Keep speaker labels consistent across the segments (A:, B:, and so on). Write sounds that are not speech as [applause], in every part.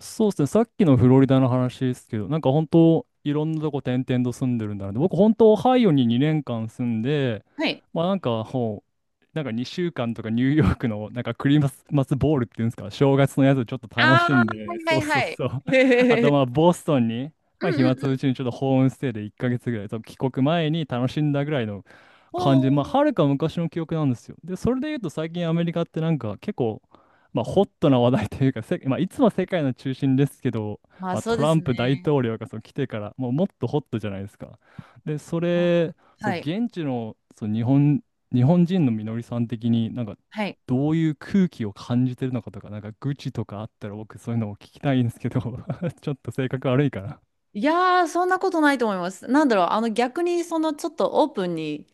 A: そうですね、さっきのフロリダの話ですけど、なんか本当、いろんなとこ転々と住んでるんだなって、僕、本当、オハイオに2年間住んで、
B: はい。
A: まあなんか、なんか2週間とかニューヨークのなんかクリスマスボールっていうんですか、正月のやつをちょっと楽
B: あ
A: し
B: あ、
A: んで、
B: は
A: そ
B: い
A: うそう
B: はいはい。
A: そう。
B: [laughs] へ
A: あ
B: へへ
A: と
B: へ
A: まあボストンに、
B: う
A: まあ
B: んうんう
A: 暇つぶ
B: ん。
A: しにちょっとホームステイで1ヶ月ぐらい、そう帰国前に楽しんだぐらいの
B: お
A: 感じ、まあ
B: ー
A: はるか昔の記憶なんですよ。で、それで言うと最近アメリカってなんか結構、まあホットな話題というか、まあいつもは世界の中心ですけど、
B: まあ
A: まあ、
B: そう
A: ト
B: で
A: ラ
B: す
A: ンプ大
B: ね。
A: 統領がそう来てから、もうもっとホットじゃないですか。で、そ
B: うん
A: れ、そう
B: はい。
A: 現地のそう日本人のみのりさん的になんか
B: はい。
A: どういう空気を感じてるのかとか、なんか愚痴とかあったら僕そういうのを聞きたいんですけど [laughs] ちょっと性格悪いかな。
B: いやー、そんなことないと思います。なんだろう、あの逆にそのちょっとオープンに、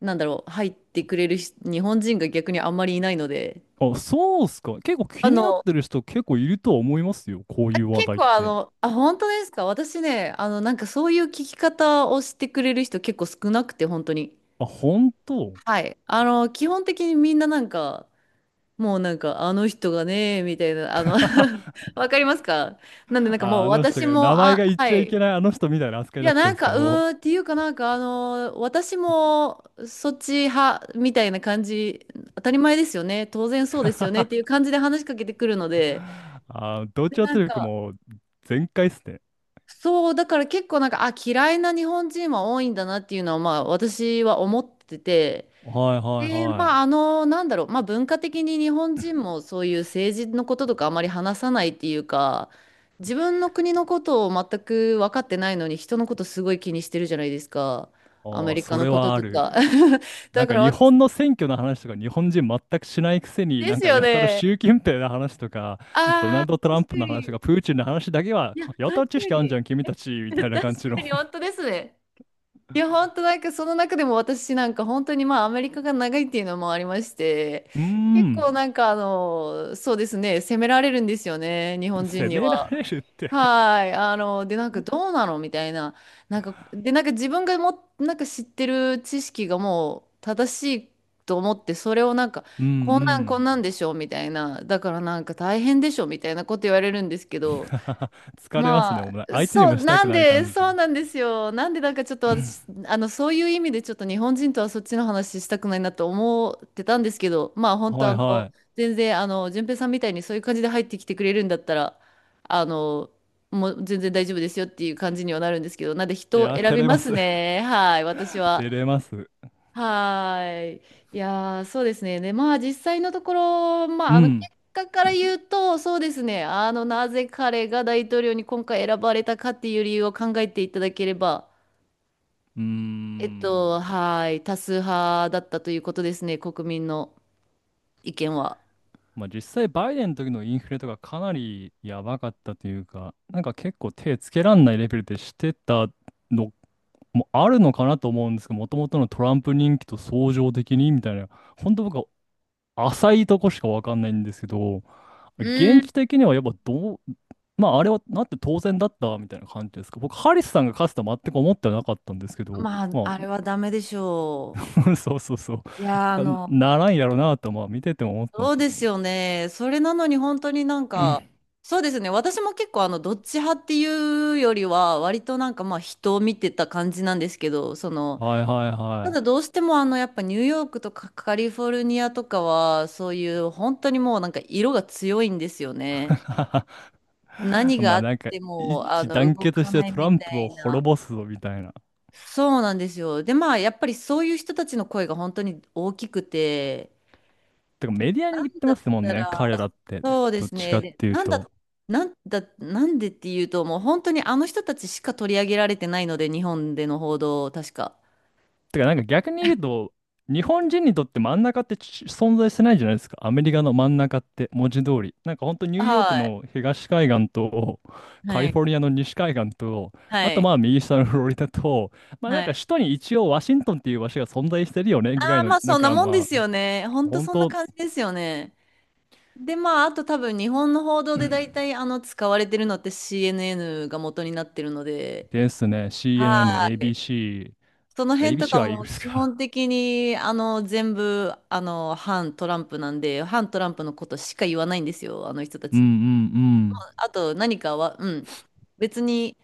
B: なんだろう、入ってくれる人日本人が逆にあんまりいないので、
A: あ、そうっすか。結構
B: あ
A: 気になっ
B: の、
A: てる人結構いるとは思いますよ。こういう話
B: 結
A: 題っ
B: 構あ
A: て。
B: の、あ、本当ですか。私ね、あの、なんかそういう聞き方をしてくれる人結構少なくて、本当に。
A: あ、本当。
B: はい。あの、基本的にみんななんか、もうなんか、あの人がね、みたいな、
A: [laughs]
B: あの
A: あ、
B: [laughs] わかりますか。なんでなんかもう
A: あの人
B: 私
A: が、
B: も、
A: 名前
B: あ、
A: が言っ
B: は
A: ちゃい
B: い。
A: けないあの人みたいな扱
B: い
A: いだ
B: や、
A: った
B: な
A: ん
B: ん
A: ですか、
B: か、う
A: もう。
B: ーんっていうかなんか、あの、私もそっち派みたいな感じ、当たり前ですよね、当然そうですよねっていう
A: [laughs]
B: 感じで話しかけてくるので、
A: あ、同
B: で、
A: 調
B: な
A: 圧
B: ん
A: 力
B: か、
A: も全開っすね。
B: そう、だから結構なんか、あ、嫌いな日本人は多いんだなっていうのは、まあ、私は思ってて、
A: はいはい
B: で、
A: は
B: ま
A: い。
B: あ、あの、なんだろう、まあ、文化的に日本人もそういう政治のこととかあまり話さないっていうか、自分の国のことを全く分かってないのに、人のことすごい気にしてるじゃないですか、ア
A: あ
B: メ
A: あ、
B: リカ
A: そ
B: の
A: れ
B: こと
A: はあ
B: とね
A: る。
B: か。[laughs]
A: な
B: だ
A: ん
B: か
A: か
B: ら
A: 日
B: 私、
A: 本の選挙の話とか日本人全くしないくせに
B: で
A: なん
B: す
A: か
B: よ
A: やたら
B: ね。
A: 習近平の話とかドナ
B: あ
A: ル
B: あ、
A: ド・トラ
B: 確
A: ンプ
B: か
A: の話とか
B: に。
A: プーチンの話だけは
B: いや、
A: やた
B: 確
A: ら知
B: か
A: 識あんじ
B: に。
A: ゃん君たちみたい
B: [laughs]
A: な
B: 確
A: 感じの。
B: かに、本
A: [laughs]
B: 当ですね。いや、本当なんかその中でも私なんか本当にまあアメリカが長いっていうのもありまして、
A: うー
B: 結構
A: ん。
B: なんかあの、そうですね、責められるんですよね、日本人
A: 責
B: に
A: めら
B: は。
A: れるって。
B: はい。あの、で、なんかどうなのみたいな。なんか、で、なんか自分がも、なんか知ってる知識がもう正しいと思って、それをなんか、
A: うんう
B: こんなんこ
A: ん。
B: んなんでしょみたいな。だからなんか大変でしょみたいなこと言われるんですけど、
A: [laughs] 疲れますね、
B: ま
A: お前
B: あ、
A: 相手に
B: そ
A: も
B: う、
A: した
B: な
A: く
B: ん
A: ない
B: で、
A: 感
B: そう
A: じ。
B: なんですよ。なんで、なんかちょっと私、
A: [clears throat]
B: あの、そういう意味でちょっと日本人とはそっちの話したくないなと思ってたんですけど、まあ、本当
A: は
B: あ
A: い
B: の、
A: は
B: 全然、あの、順平さんみたいにそういう感じで入ってきてくれるんだったら、あの、もう全然大丈夫ですよっていう感じにはなるんですけど、なんで
A: い。
B: 人
A: い
B: を
A: や
B: 選
A: 照
B: び
A: れ
B: ま
A: ま
B: す
A: す。 [laughs]
B: ね。はい、私は。
A: 照れます。
B: はーい。いやー、そうですね。で、まあ、実際のところ、ま
A: う
B: あ、あの、結
A: ん。
B: 果から言うと、そうですね。あの、なぜ彼が大統領に今回選ばれたかっていう理由を考えていただければ、
A: うーん。
B: はーい。多数派だったということですね。国民の意見は。
A: まあ実際バイデンの時のインフレとかかなりやばかったというか、なんか結構手つけらんないレベルでしてたのもあるのかなと思うんですけど、もともとのトランプ人気と相乗的にみたいな、本当僕は浅いとこしかわかんないんですけど、
B: う
A: 現
B: ん。
A: 地的にはやっぱどう、まああれはなって当然だったみたいな感じですか。僕、ハリスさんが勝つとは全く思ってはなかったんですけど、
B: まあ、
A: ま
B: あれ
A: あ。
B: はダメでしょ
A: [laughs] そうそうそう、
B: う。いやー、あ
A: なんか
B: の、
A: ならんやろうなとまあ見てても思ってたんで
B: そう
A: すけ
B: で
A: ど。
B: すよ
A: [laughs]
B: ね。それなのに本当になんか、
A: [clears throat]
B: そうですね。私も結構あの、どっち派っていうよりは、割となんかまあ人を見てた感じなんですけど、その、
A: はいはい
B: た
A: は
B: だ
A: い。
B: どうしてもあの、やっぱニューヨークとかカリフォルニアとかは、そういう本当にもうなんか色が強いんですよね。
A: [laughs]
B: 何が
A: ま
B: あ
A: あ
B: っ
A: なんか
B: ても、あ
A: 一致
B: の、
A: 団
B: 動
A: 結
B: か
A: して
B: ない
A: トラ
B: み
A: ン
B: た
A: プを
B: い
A: 滅
B: な。
A: ぼすぞみたいな。
B: そうなんですよ。で、まあ、やっぱりそういう人たちの声が本当に大きくて、
A: てかメディアに
B: な
A: 言っ
B: ん
A: て
B: だっ
A: ますもん
B: た
A: ね、
B: ら、
A: 彼らって。
B: そうで
A: どっ
B: す
A: ち
B: ね。
A: かっ
B: で、
A: ていう
B: なんだ、
A: と。
B: なんだ、なんでっていうと、もう本当にあの人たちしか取り上げられてないので、日本での報道、確か。
A: てかなんか逆に言うと、日本人にとって真ん中って存在してないじゃないですか。アメリカの真ん中って文字通り。なんかほんとニューヨー
B: は
A: ク
B: い。
A: の東海岸とカ
B: は
A: リ
B: い。
A: フォルニアの西海岸と、あ
B: は
A: と
B: い。
A: まあ右下のフロリダと、まあな
B: は
A: んか
B: い。
A: 首都に一応ワシントンっていう場所が存在してるよねぐら
B: あ
A: い
B: あ、
A: の、
B: まあ
A: なん
B: そんな
A: か
B: もんで
A: ま
B: す
A: あ
B: よね。本当
A: 本
B: そんな
A: 当
B: 感じですよね。で、まあ、あと多分日本の報道で大体あの使われてるのって CNN が元になってるので、
A: ですね。
B: は
A: CNN、
B: い。その
A: ABC。
B: 辺とか
A: ABC はイーグ
B: も
A: ルス
B: 基
A: か。
B: 本的にあの全部あの反トランプなんで反トランプのことしか言わないんですよあの人た
A: [laughs] うん
B: ち。
A: うんうん。
B: あと何かは、うん、別に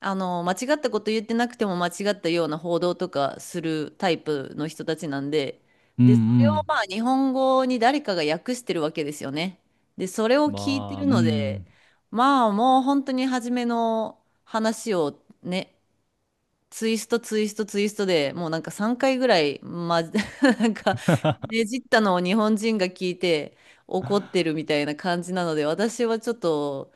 B: あの間違ったこと言ってなくても間違ったような報道とかするタイプの人たちなんで、
A: うん
B: でそれ
A: う
B: をまあ
A: ん。
B: 日本語に誰かが訳してるわけですよね。でそれを聞いて
A: まあ、
B: る
A: う
B: ので
A: ん。
B: まあもう本当に初めの話をねツイストツイストツイストでもうなんか3回ぐらい、ま、[laughs] なんかねじったのを日本人が聞いて怒ってるみたいな感じなので私はちょっと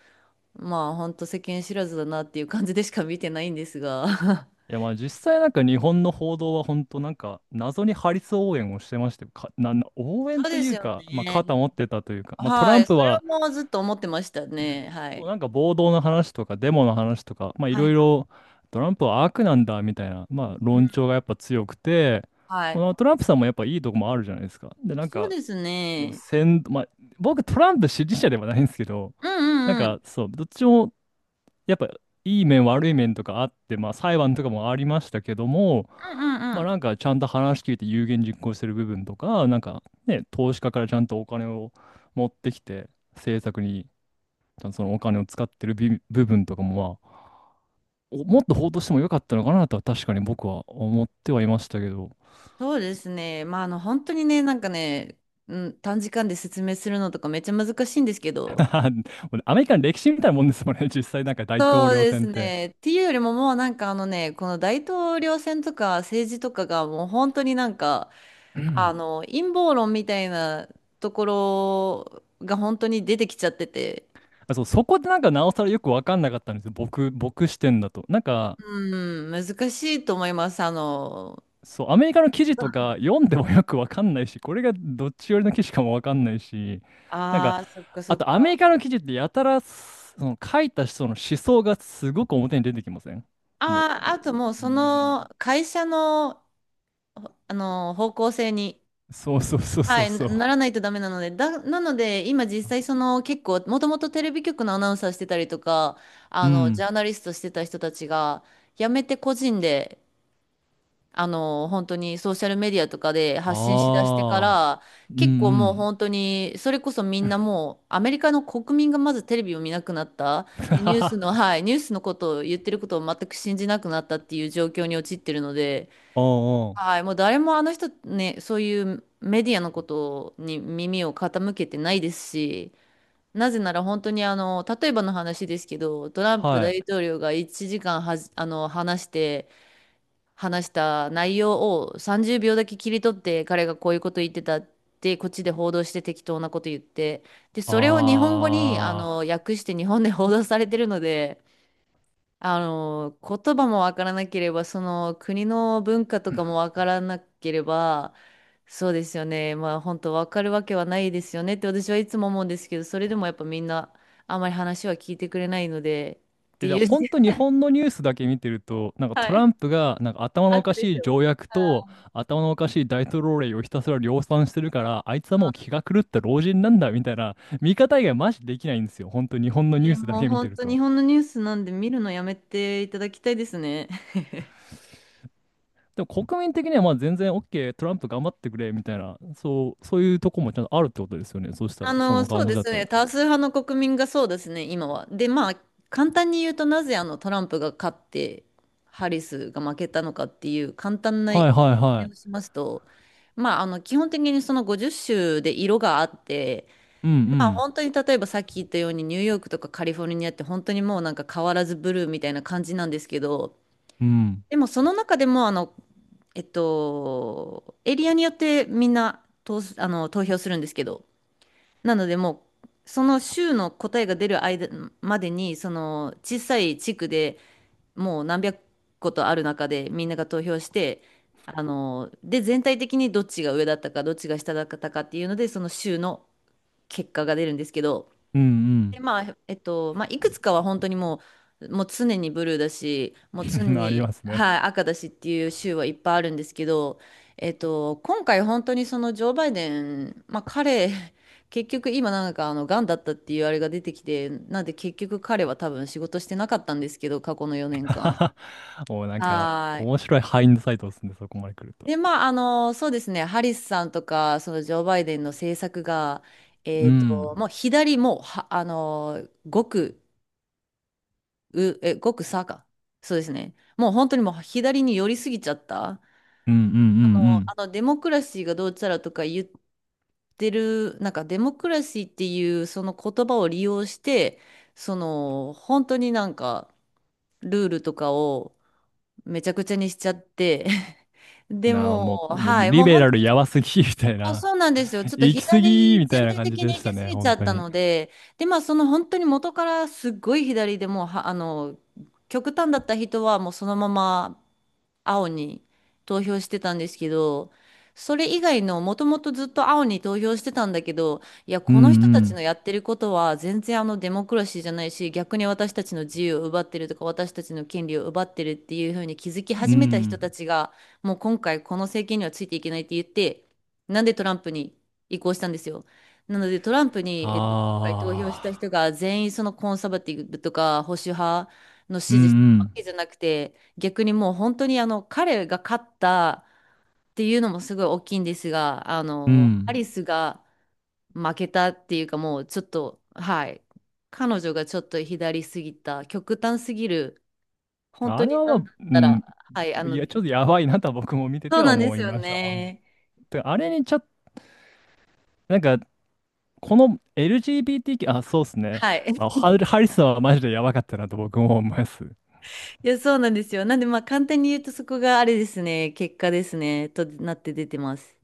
B: まあほんと世間知らずだなっていう感じでしか見てないんですが
A: い
B: [laughs]
A: や、まあ実際なんか日本の報道は本当なんか謎にハリス応援をしてまして、か、な、な応援
B: そう
A: と
B: で
A: い
B: す
A: う
B: よ
A: か、まあ
B: ね
A: 肩持ってたというか、
B: [laughs]
A: まあトラ
B: は
A: ン
B: い
A: プ
B: それは
A: は
B: もうずっと思ってましたねはい
A: なんか暴動の話とかデモの話とか、まあい
B: はい
A: ろい
B: は
A: ろトランプは悪なんだみたいな、
B: い、
A: まあ
B: うん
A: 論調がやっぱ強くて、
B: はい
A: まあトランプさんもやっぱいいとこもあるじゃないですか。で、なん
B: そう
A: か
B: です
A: でも
B: ね
A: 先、まあ、僕トランプ支持者ではないんですけど、
B: うん
A: なん
B: うんうん
A: かそう、どっちもやっぱいい面悪い面とかあって、まあ裁判とかもありましたけども、
B: うんうんう
A: まあ
B: ん
A: なんかちゃんと話聞いて有言実行してる部分とか、なんかね、投資家からちゃんとお金を持ってきて政策にちゃんとそのお金を使ってる部分とかもまあ、もっと報道してもよかったのかなとは確かに僕は思ってはいましたけど。
B: そうですね。まあ、あの、本当にね、なんかね、うん、短時間で説明するのとかめっちゃ難しいんですけど、
A: [laughs] アメリカの歴史みたいなもんですもんね、実際なんか大統
B: そう
A: 領
B: です
A: 選って。
B: ね。っていうよりももうなんかあのね、この大統領選とか政治とかがもう本当になんか、
A: [laughs] う
B: あ
A: ん。
B: の、陰謀論みたいなところが本当に出てきちゃってて、
A: あそう、そこでなんかなおさらよくわかんなかったんですよ。僕視点だと。なんか、
B: うん、難しいと思います。あの、
A: そう、アメリカの記事とか読んでもよくわかんないし、これがどっち寄りの記事かもわかんないし、なんか、
B: ああ、そっかそ
A: あ
B: っ
A: とアメ
B: か。
A: リカの記事ってやたら、その書いた人の思想がすごく表に出てきません？も
B: あ
A: う、
B: あ、あともう
A: う
B: そ
A: ん、
B: の会社の、あの、方向性に、
A: そうそうそう
B: は
A: そう
B: い、な
A: そう。
B: ならないとダメなので、だ、なので、今実際その結構、もともとテレビ局のアナウンサーしてたりとか、
A: う
B: あの、ジ
A: ん。
B: ャーナリストしてた人たちが、辞めて個人で、あの、本当にソーシャルメディアとかで発信しだしてか
A: ああ。
B: ら、
A: う
B: 結構もう
A: ん
B: 本
A: う
B: 当に、それこそみんなもう、アメリカの国民がまずテレビを見なくなった。
A: ん。[laughs]
B: で、ニ
A: は
B: ュースの、
A: は。
B: はい、ニュースのことを言ってることを全く信じなくなったっていう状況に陥ってるので、
A: おうおう。
B: はい、もう誰もあの人ね、そういうメディアのことに耳を傾けてないですし、なぜなら本当にあの、例えばの話ですけど、トランプ
A: はい。
B: 大統領が1時間はじ、あの、話して、話した内容を30秒だけ切り取って、彼がこういうこと言ってたって、こっちで報道して適当なこと言って、で、それを日本語にあ
A: あ
B: の、
A: あ。
B: 訳して日本で報道されてるので、あの、言葉もわからなければ、その国の文化とかもわからなければ、そうですよね。まあ本当わかるわけはないですよねって私はいつも思うんですけど、それでもやっぱみんなあまり話は聞いてくれないので、って
A: え、だ
B: いう。
A: 本当日
B: [laughs]
A: 本のニュースだけ見てると、なんかト
B: は
A: ラ
B: い。
A: ンプがなんか頭のおか
B: 悪で
A: し
B: し
A: い
B: ょ。
A: 条約と
B: は
A: 頭のおかしい大統領令をひたすら量産してるから、あいつはもう気が狂った老人なんだみたいな見方以外マジできないんですよ。本当日本の
B: い。え
A: ニュー
B: ー
A: スだ
B: もう
A: け見て
B: 本
A: る
B: 当日
A: と。
B: 本のニュースなんで見るのやめていただきたいですね。
A: でも国民的にはまあ全然 OK、トランプ頑張ってくれみたいな、そう、そういうとこもちゃんとあるってことですよね。そした
B: あ
A: ら、そ
B: の、
A: の
B: そう
A: 感じ
B: で
A: だ
B: すね。
A: と。
B: 多数派の国民がそうですね、今は。で、まあ、簡単に言うとなぜあのトランプが勝って、ハリスが負けたのかっていう簡単な
A: は
B: 説
A: いはいは
B: 明を
A: い。
B: しますと、まあ、あの、基本的にその50州で色があって、
A: う
B: まあ、
A: ん
B: 本当に例えばさっき言ったようにニューヨークとかカリフォルニアって本当にもうなんか変わらずブルーみたいな感じなんですけど、
A: うん。うん。
B: でもその中でもあの、エリアによってみんな投す、あの、投票するんですけど、なのでもうその州の答えが出る間までにその小さい地区でもう何百個とある中でみんなが投票してあので全体的にどっちが上だったかどっちが下だったかっていうのでその州の結果が出るんですけど
A: うんう
B: で、
A: ん。
B: まあ、まあ、いくつかは本当にもう、もう常にブルーだし、もう常
A: [laughs] あり
B: に、
A: ますね。
B: はい、赤だしっていう州はいっぱいあるんですけど、今回本当にそのジョー・バイデン、まあ彼、[laughs] 結局今なんかあの、癌だったっていうあれが出てきて、なんで結局彼は多分仕事してなかったんですけど、過去の4年間。
A: [laughs] もうなんか、
B: はーい。
A: 面白いハインドサイトでするんでそこまで来ると。
B: で、まあ、あの、そうですね、ハリスさんとか、そのジョー・バイデンの政策が、
A: うん。
B: もう左もうは、あの、極う、え、ごくさか。そうですね。もう本当にもう左に寄りすぎちゃった。
A: うんうん
B: あ
A: う
B: の、
A: ん
B: あのデモクラシーがどうちゃらとか言ってる、なんかデモクラシーっていうその言葉を利用して、その本当になんかルールとかをめちゃくちゃにしちゃって、[laughs]
A: うん。
B: で
A: なあ、
B: も
A: も
B: う、
A: う、もう
B: はい、
A: リ
B: もう
A: ベ
B: 本
A: ラル
B: 当に
A: やばすぎ、みたい
B: あ、そ
A: な。
B: うなんですよ。ち
A: [laughs]
B: ょっと
A: 行き過ぎ、
B: 左
A: みた
B: 全
A: いな
B: 体
A: 感じ
B: 的に
A: で
B: 行
A: した
B: き過
A: ね、
B: ぎちゃ
A: 本
B: っ
A: 当
B: た
A: に。
B: ので、で、まあその本当に元からすっごい左でもうは、あの、極端だった人はもうそのまま青に投票してたんですけど、それ以外のもともとずっと青に投票してたんだけど、いや、
A: うんう
B: この人たちの
A: ん。
B: やってることは全然あのデモクラシーじゃないし、逆に私たちの自由を奪ってるとか、私たちの権利を奪ってるっていうふうに気づき
A: う
B: 始めた人た
A: ん。
B: ちが、もう今回この政権にはついていけないって言って、なんでトランプに移行したんですよ。なのでトランプに、今回投票し
A: あ
B: た人
A: あ。
B: が全員そのコンサバティブとか保守派の
A: うん
B: 支持し
A: う
B: たわ
A: ん。
B: けじゃなくて、逆にもう本当にあの彼が勝ったっていうのもすごい大きいんですが、あ
A: う
B: の、ア
A: ん。
B: リスが負けたっていうかもうちょっと、はい、彼女がちょっと左すぎた、極端すぎる、本
A: あ
B: 当
A: れ
B: になん
A: は、
B: だっ
A: う
B: たら、
A: ん。
B: はい、あ
A: い
B: の、
A: や、ちょっとやばいなとは僕も見て
B: そ
A: て
B: う
A: は
B: なんで
A: 思
B: す
A: い
B: よ
A: ました、ほん
B: ね。
A: と。あれにちょっと、なんか、この LGBT、 あ、そうっすね。
B: は
A: ま
B: い。
A: あ、
B: [laughs]
A: ハリスはマジでやばかったなと僕も思います。
B: いや、そうなんですよ。なんでまあ簡単に言うとそこがあれですね、結果ですね、となって出てます。